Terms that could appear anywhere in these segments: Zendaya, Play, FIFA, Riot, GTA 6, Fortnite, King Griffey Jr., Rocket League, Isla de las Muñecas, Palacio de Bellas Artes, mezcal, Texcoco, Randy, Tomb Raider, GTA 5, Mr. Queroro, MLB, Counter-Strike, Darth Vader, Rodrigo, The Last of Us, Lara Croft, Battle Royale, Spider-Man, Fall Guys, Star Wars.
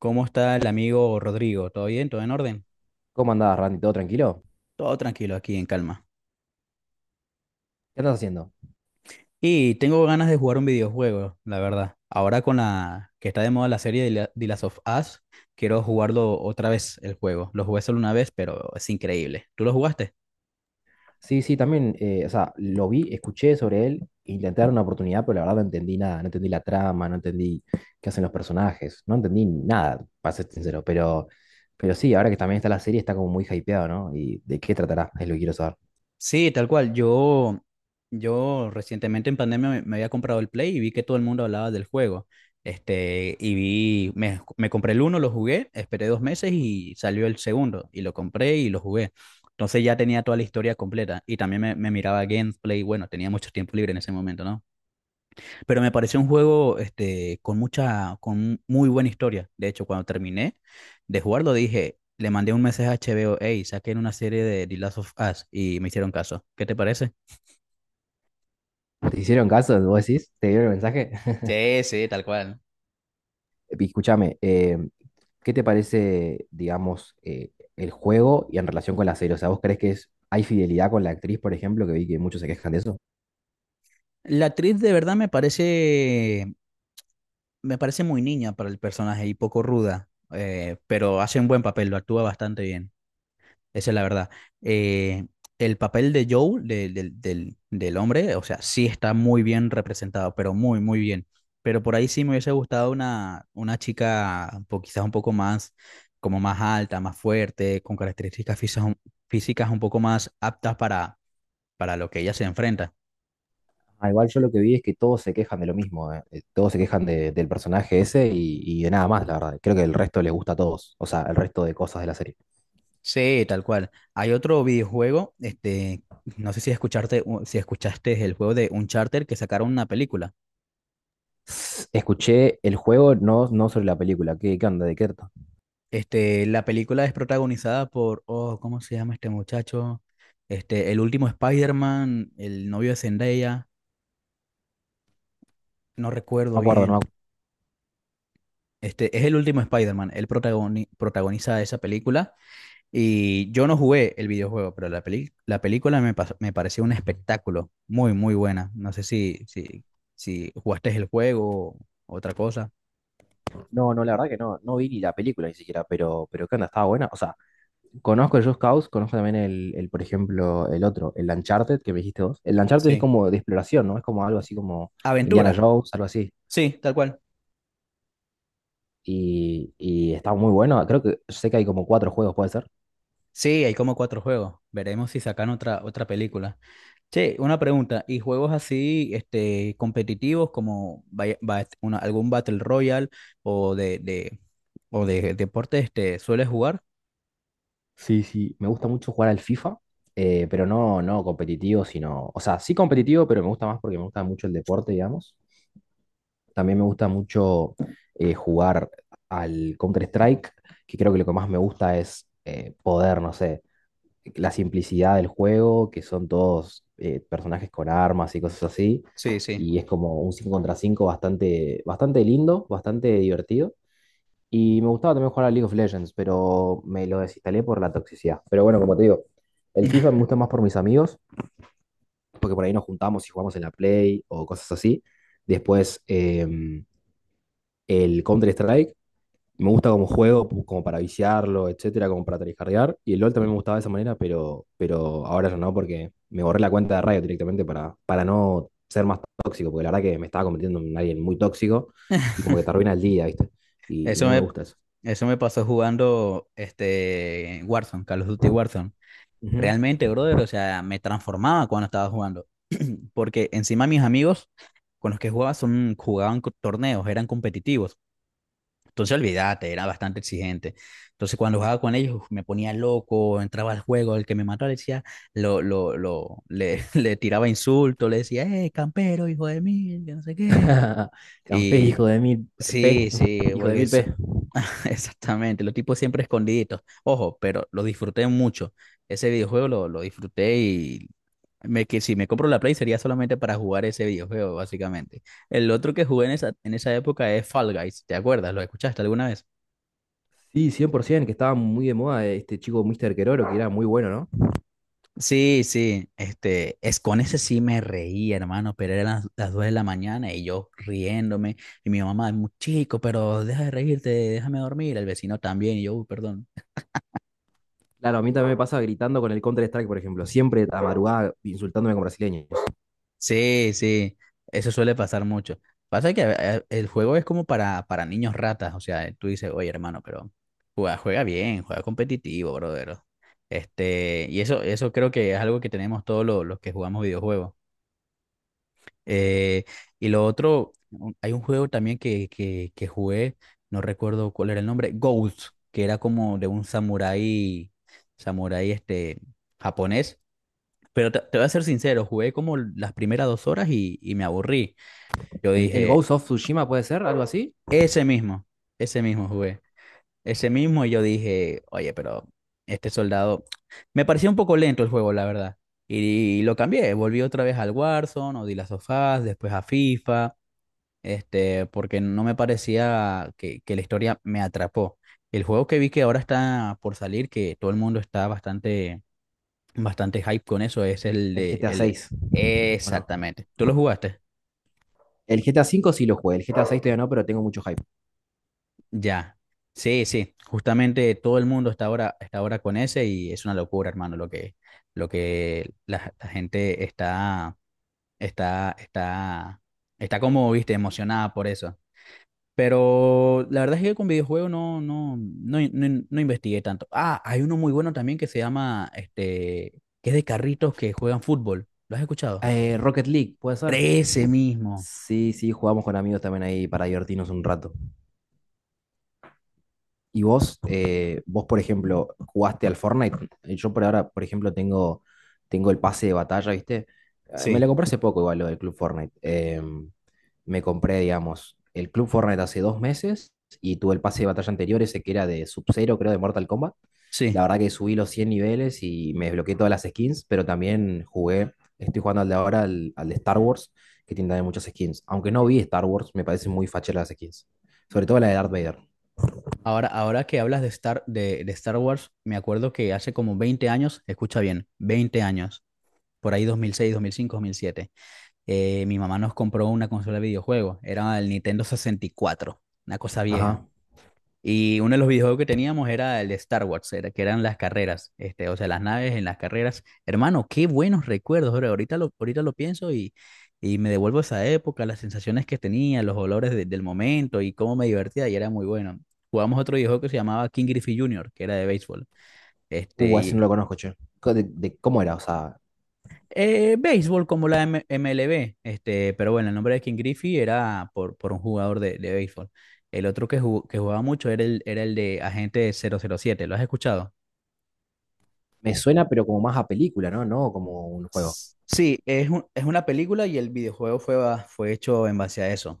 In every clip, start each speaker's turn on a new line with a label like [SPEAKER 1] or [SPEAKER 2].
[SPEAKER 1] ¿Cómo está el amigo Rodrigo? ¿Todo bien? ¿Todo en orden?
[SPEAKER 2] ¿Cómo andás, Randy? ¿Todo tranquilo?
[SPEAKER 1] Todo tranquilo aquí, en calma.
[SPEAKER 2] ¿Qué andas haciendo?
[SPEAKER 1] Y tengo ganas de jugar un videojuego, la verdad. Ahora con la que está de moda la serie de The Last of Us, quiero jugarlo otra vez el juego. Lo jugué solo una vez, pero es increíble. ¿Tú lo jugaste?
[SPEAKER 2] Sí, sí, también, o sea, lo vi, escuché sobre él, intenté dar una oportunidad, pero la verdad no entendí nada, no entendí la trama, no entendí qué hacen los personajes, no entendí nada, para ser sincero, pero sí, ahora que también está la serie, está como muy hypeado, ¿no? ¿Y de qué tratará? Es lo que quiero saber.
[SPEAKER 1] Sí, tal cual. Yo recientemente en pandemia me había comprado el Play y vi que todo el mundo hablaba del juego. Este, y vi, me compré el uno, lo jugué, esperé dos meses y salió el segundo. Y lo compré y lo jugué. Entonces ya tenía toda la historia completa. Y también me miraba gameplay. Bueno, tenía mucho tiempo libre en ese momento, ¿no? Pero me pareció un juego este, con mucha, con muy buena historia. De hecho, cuando terminé de jugarlo, dije, le mandé un mensaje a HBO, hey, saquen una serie de The Last of Us. Y me hicieron caso. ¿Qué te parece?
[SPEAKER 2] ¿Te hicieron caso? ¿Vos decís? ¿Te dieron el mensaje?
[SPEAKER 1] Sí, sí, tal cual.
[SPEAKER 2] Y escúchame, ¿qué te parece, digamos, el juego y en relación con la serie? O sea, ¿vos crees que es, hay fidelidad con la actriz, por ejemplo, que vi que muchos se quejan de eso?
[SPEAKER 1] La actriz de verdad me parece muy niña para el personaje y poco ruda, pero hace un buen papel, lo actúa bastante bien, esa es la verdad. Eh, el papel de Joe, del hombre, o sea, sí está muy bien representado, pero muy, muy bien. Pero por ahí sí me hubiese gustado una chica quizás un poco más, como más alta, más fuerte, con características físicas un poco más aptas para lo que ella se enfrenta.
[SPEAKER 2] Ah, igual yo lo que vi es que todos se quejan de lo mismo, todos se quejan del personaje ese y de nada más, la verdad. Creo que el resto les gusta a todos, o sea, el resto de cosas de la serie.
[SPEAKER 1] Sí, tal cual. Hay otro videojuego, este, no sé si escucharte, si escuchaste el juego de Uncharted que sacaron una película.
[SPEAKER 2] Escuché el juego, no, no sobre la película. ¿Qué onda? ¿De qué trata?
[SPEAKER 1] Este, la película es protagonizada por, oh, ¿cómo se llama este muchacho? Este, el último Spider-Man, el novio de Zendaya, no
[SPEAKER 2] No
[SPEAKER 1] recuerdo
[SPEAKER 2] me acuerdo,
[SPEAKER 1] bien. Este, es el último Spider-Man, él protagoniza esa película. Y yo no jugué el videojuego, pero la la película me, me pareció un espectáculo muy, muy buena. No sé si jugaste el juego o otra cosa.
[SPEAKER 2] no, no, la verdad que no, no vi ni la película ni siquiera, pero ¿qué onda? ¿Estaba buena? O sea, conozco el Just Cause, conozco también el, por ejemplo, el otro, el Uncharted, que me dijiste vos. El Uncharted es
[SPEAKER 1] Sí.
[SPEAKER 2] como de exploración, ¿no? Es como algo así como Indiana
[SPEAKER 1] Aventura,
[SPEAKER 2] Jones, algo así.
[SPEAKER 1] sí, tal cual.
[SPEAKER 2] Y está muy bueno. Creo que sé que hay como cuatro juegos, puede ser.
[SPEAKER 1] Sí, hay como cuatro juegos. Veremos si sacan otra, otra película. Che, una pregunta. ¿Y juegos así, este, competitivos como algún Battle Royale o de, de, o de deporte, este, sueles jugar?
[SPEAKER 2] Sí, sí, me gusta mucho jugar al FIFA, pero no, no competitivo, sino, o sea, sí competitivo, pero me gusta más porque me gusta mucho el deporte, digamos. También me gusta mucho jugar al Counter-Strike, que creo que lo que más me gusta es poder, no sé, la simplicidad del juego, que son todos personajes con armas y cosas así,
[SPEAKER 1] Sí, sí.
[SPEAKER 2] y es como un 5 contra 5 bastante, bastante lindo, bastante divertido. Y me gustaba también jugar a League of Legends, pero me lo desinstalé por la toxicidad. Pero bueno, como te digo, el FIFA me gusta más por mis amigos, porque por ahí nos juntamos y jugamos en la Play o cosas así. Después, el Counter-Strike me gusta como juego, como para viciarlo, etcétera, como para tryhardear. Y el LoL también me gustaba de esa manera, pero ahora ya no, porque me borré la cuenta de Riot directamente para no ser más tóxico, porque la verdad que me estaba convirtiendo en alguien muy tóxico y como que te arruina el día, ¿viste? Y
[SPEAKER 1] Eso
[SPEAKER 2] no me
[SPEAKER 1] me,
[SPEAKER 2] gusta eso.
[SPEAKER 1] eso me pasó jugando este Warzone, Call of Duty Warzone. Realmente, brother, o sea, me transformaba cuando estaba jugando. Porque encima mis amigos con los que jugaba son, torneos, eran competitivos. Entonces, olvídate, era bastante exigente. Entonces, cuando jugaba con ellos, uf, me ponía loco, entraba al juego, el que me mató le decía, le tiraba insultos, le decía, campero, hijo de mil, que no sé
[SPEAKER 2] Campé,
[SPEAKER 1] qué.
[SPEAKER 2] hijo de mil P,
[SPEAKER 1] Sí, sí,
[SPEAKER 2] hijo de
[SPEAKER 1] porque
[SPEAKER 2] mil
[SPEAKER 1] eso...
[SPEAKER 2] P.
[SPEAKER 1] Exactamente, los tipos siempre escondiditos. Ojo, pero lo disfruté mucho. Ese videojuego lo disfruté y me, que si me compro la Play sería solamente para jugar ese videojuego, básicamente. El otro que jugué en esa época es Fall Guys, ¿te acuerdas? ¿Lo escuchaste alguna vez?
[SPEAKER 2] Sí, 100%, que estaba muy de moda este chico Mr. Queroro, que era muy bueno, ¿no?
[SPEAKER 1] Sí, sí, este, es con ese sí me reía, hermano, pero eran las 2 de la mañana y yo riéndome y mi mamá, muy chico, pero deja de reírte, déjame dormir, el vecino también y yo, "Uy, perdón".
[SPEAKER 2] Claro, a mí también me pasa gritando con el Counter-Strike, por ejemplo, siempre a la madrugada insultándome con brasileños.
[SPEAKER 1] Sí, sí, eso suele pasar mucho. Pasa que el juego es como para niños ratas, o sea, tú dices, oye, hermano, pero juega, juega bien, juega competitivo, brother. Este, y eso creo que es algo que tenemos todos los, que jugamos videojuegos. Eh, y lo otro, hay un juego también que jugué, no recuerdo cuál era el nombre, Ghost, que era como de un samurái, samurái este, japonés. Pero te voy a ser sincero, jugué como las primeras 2 horas y me aburrí. Yo
[SPEAKER 2] ¿El
[SPEAKER 1] dije,
[SPEAKER 2] Ghost of Tsushima puede ser algo así?
[SPEAKER 1] ese mismo, ese mismo jugué, ese mismo, y yo dije, oye, pero este soldado, me pareció un poco lento el juego, la verdad, y, lo cambié, volví otra vez al Warzone, o The Last of Us, después a FIFA, este, porque no me parecía que la historia me atrapó. El juego que vi que ahora está por salir, que todo el mundo está bastante, bastante hype con eso, es
[SPEAKER 2] El GTA 6, ¿o no?
[SPEAKER 1] Exactamente, ¿tú lo jugaste?
[SPEAKER 2] El GTA 5 sí lo jugué, el GTA 6 todavía no, pero tengo mucho hype.
[SPEAKER 1] Ya, sí, sí, justamente todo el mundo está ahora con ese y es una locura, hermano, lo que la gente está, está, está como, viste, emocionada por eso. Pero la verdad es que con videojuegos no investigué tanto. Ah, hay uno muy bueno también que se llama, este, que es de carritos que juegan fútbol. ¿Lo has escuchado?
[SPEAKER 2] Rocket League, ¿puede ser?
[SPEAKER 1] Ese mismo.
[SPEAKER 2] Sí, sí, jugamos con amigos también ahí para divertirnos un rato. Y vos, por ejemplo, jugaste al Fortnite. Yo por ahora, por ejemplo, tengo el pase de batalla, ¿viste? Me lo
[SPEAKER 1] Sí,
[SPEAKER 2] compré hace poco igual, lo del Club Fortnite. Me compré, digamos, el Club Fortnite hace 2 meses y tuve el pase de batalla anterior, ese que era de Sub-Zero, creo, de Mortal Kombat.
[SPEAKER 1] sí.
[SPEAKER 2] La verdad que subí los 100 niveles y me desbloqueé todas las skins, pero también jugué, estoy jugando al de ahora, al de Star Wars, que tiene también muchas skins. Aunque no vi Star Wars, me parecen muy facheras las skins. Sobre todo la de Darth Vader.
[SPEAKER 1] Ahora, ahora que hablas de Star, de Star Wars, me acuerdo que hace como 20 años, escucha bien, 20 años, por ahí 2006, 2005, 2006, 2006, 2005, 2007, mi mamá nos compró una consola de videojuegos, era el Nintendo 64, una cosa vieja.
[SPEAKER 2] Ajá.
[SPEAKER 1] Y uno de los videojuegos que teníamos era el de Star Wars, era, que eran las carreras, este, o sea, las naves en las carreras. Hermano, qué buenos recuerdos, bro. Ahorita lo pienso y me devuelvo a esa época, las sensaciones que tenía, los olores del momento y cómo me divertía y era muy bueno. Jugamos otro videojuego que se llamaba King Griffey Jr., que era de béisbol. Este,
[SPEAKER 2] Ese no
[SPEAKER 1] y,
[SPEAKER 2] lo conozco, che. De cómo era? O sea,
[SPEAKER 1] béisbol como la MLB, este, pero bueno, el nombre de King Griffey era por un jugador de béisbol. El otro que jugaba mucho era el de Agente 007, ¿lo has escuchado?
[SPEAKER 2] me suena, pero como más a película, ¿no? No como un juego.
[SPEAKER 1] Sí, es es una película y el videojuego fue, fue hecho en base a eso.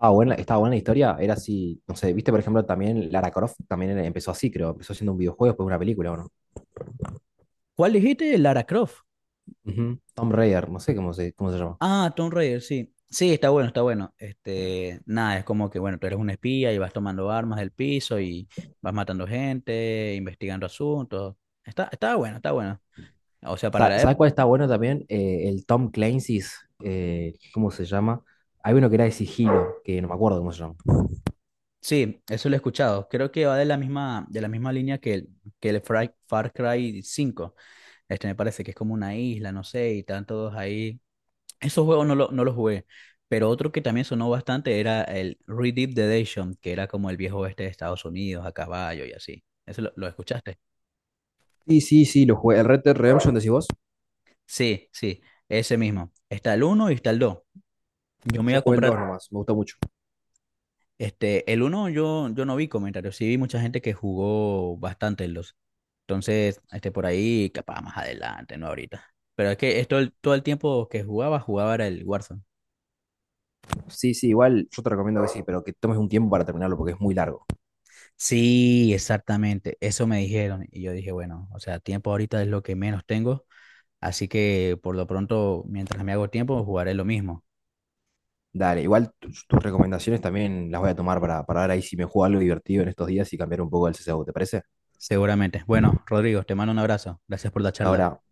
[SPEAKER 2] Ah, buena, estaba buena la historia, era así, no sé, viste, por ejemplo, también Lara Croft también empezó así, creo. Empezó siendo un videojuego, después una película, ¿o no?
[SPEAKER 1] ¿Cuál dijiste? Lara Croft.
[SPEAKER 2] Ujú. Tomb Raider, no sé cómo se llama.
[SPEAKER 1] Ah, Tomb Raider, sí. Sí, está bueno, está bueno. Este, nada, es como que, bueno, tú eres un espía y vas tomando armas del piso y vas matando gente, investigando asuntos. Está, está bueno, está bueno. O sea, para la
[SPEAKER 2] ¿Sabes
[SPEAKER 1] ep-
[SPEAKER 2] cuál está bueno también? El Tom Clancy's, ¿cómo se llama? Hay uno que era de sigilo, que no me acuerdo cómo se llama.
[SPEAKER 1] Sí, eso lo he escuchado. Creo que va de la misma línea que el Far Cry 5. Este me parece que es como una isla, no sé, y están todos ahí. Esos juegos no, no los jugué, pero otro que también sonó bastante era el Red Dead Redemption, que era como el viejo oeste de Estados Unidos, a caballo y así. ¿Eso lo escuchaste?
[SPEAKER 2] Sí, sí, sí, lo jugué. ¿El Red Dead Redemption decís vos?
[SPEAKER 1] Sí, sí, ese mismo. Está el uno y está el 2. Yo me
[SPEAKER 2] Yo
[SPEAKER 1] iba a
[SPEAKER 2] jugué el
[SPEAKER 1] comprar,
[SPEAKER 2] dos, nomás, me gustó mucho.
[SPEAKER 1] este, el uno, yo no vi comentarios, sí vi mucha gente que jugó bastante en los. Entonces, este, por ahí, capaz más adelante, no ahorita. Pero es que esto, todo el tiempo que jugaba, jugaba era el Warzone.
[SPEAKER 2] Sí, sí, igual yo te recomiendo que sí, pero que tomes un tiempo para terminarlo porque es muy largo.
[SPEAKER 1] Sí, exactamente, eso me dijeron y yo dije, bueno, o sea, tiempo ahorita es lo que menos tengo, así que por lo pronto, mientras me hago tiempo, jugaré lo mismo,
[SPEAKER 2] Dale, igual tus recomendaciones también las voy a tomar para ver ahí si me juego algo divertido en estos días y cambiar un poco el CSGO, ¿te parece?
[SPEAKER 1] seguramente. Bueno, Rodrigo, te mando un abrazo, gracias por la charla.
[SPEAKER 2] Ahora,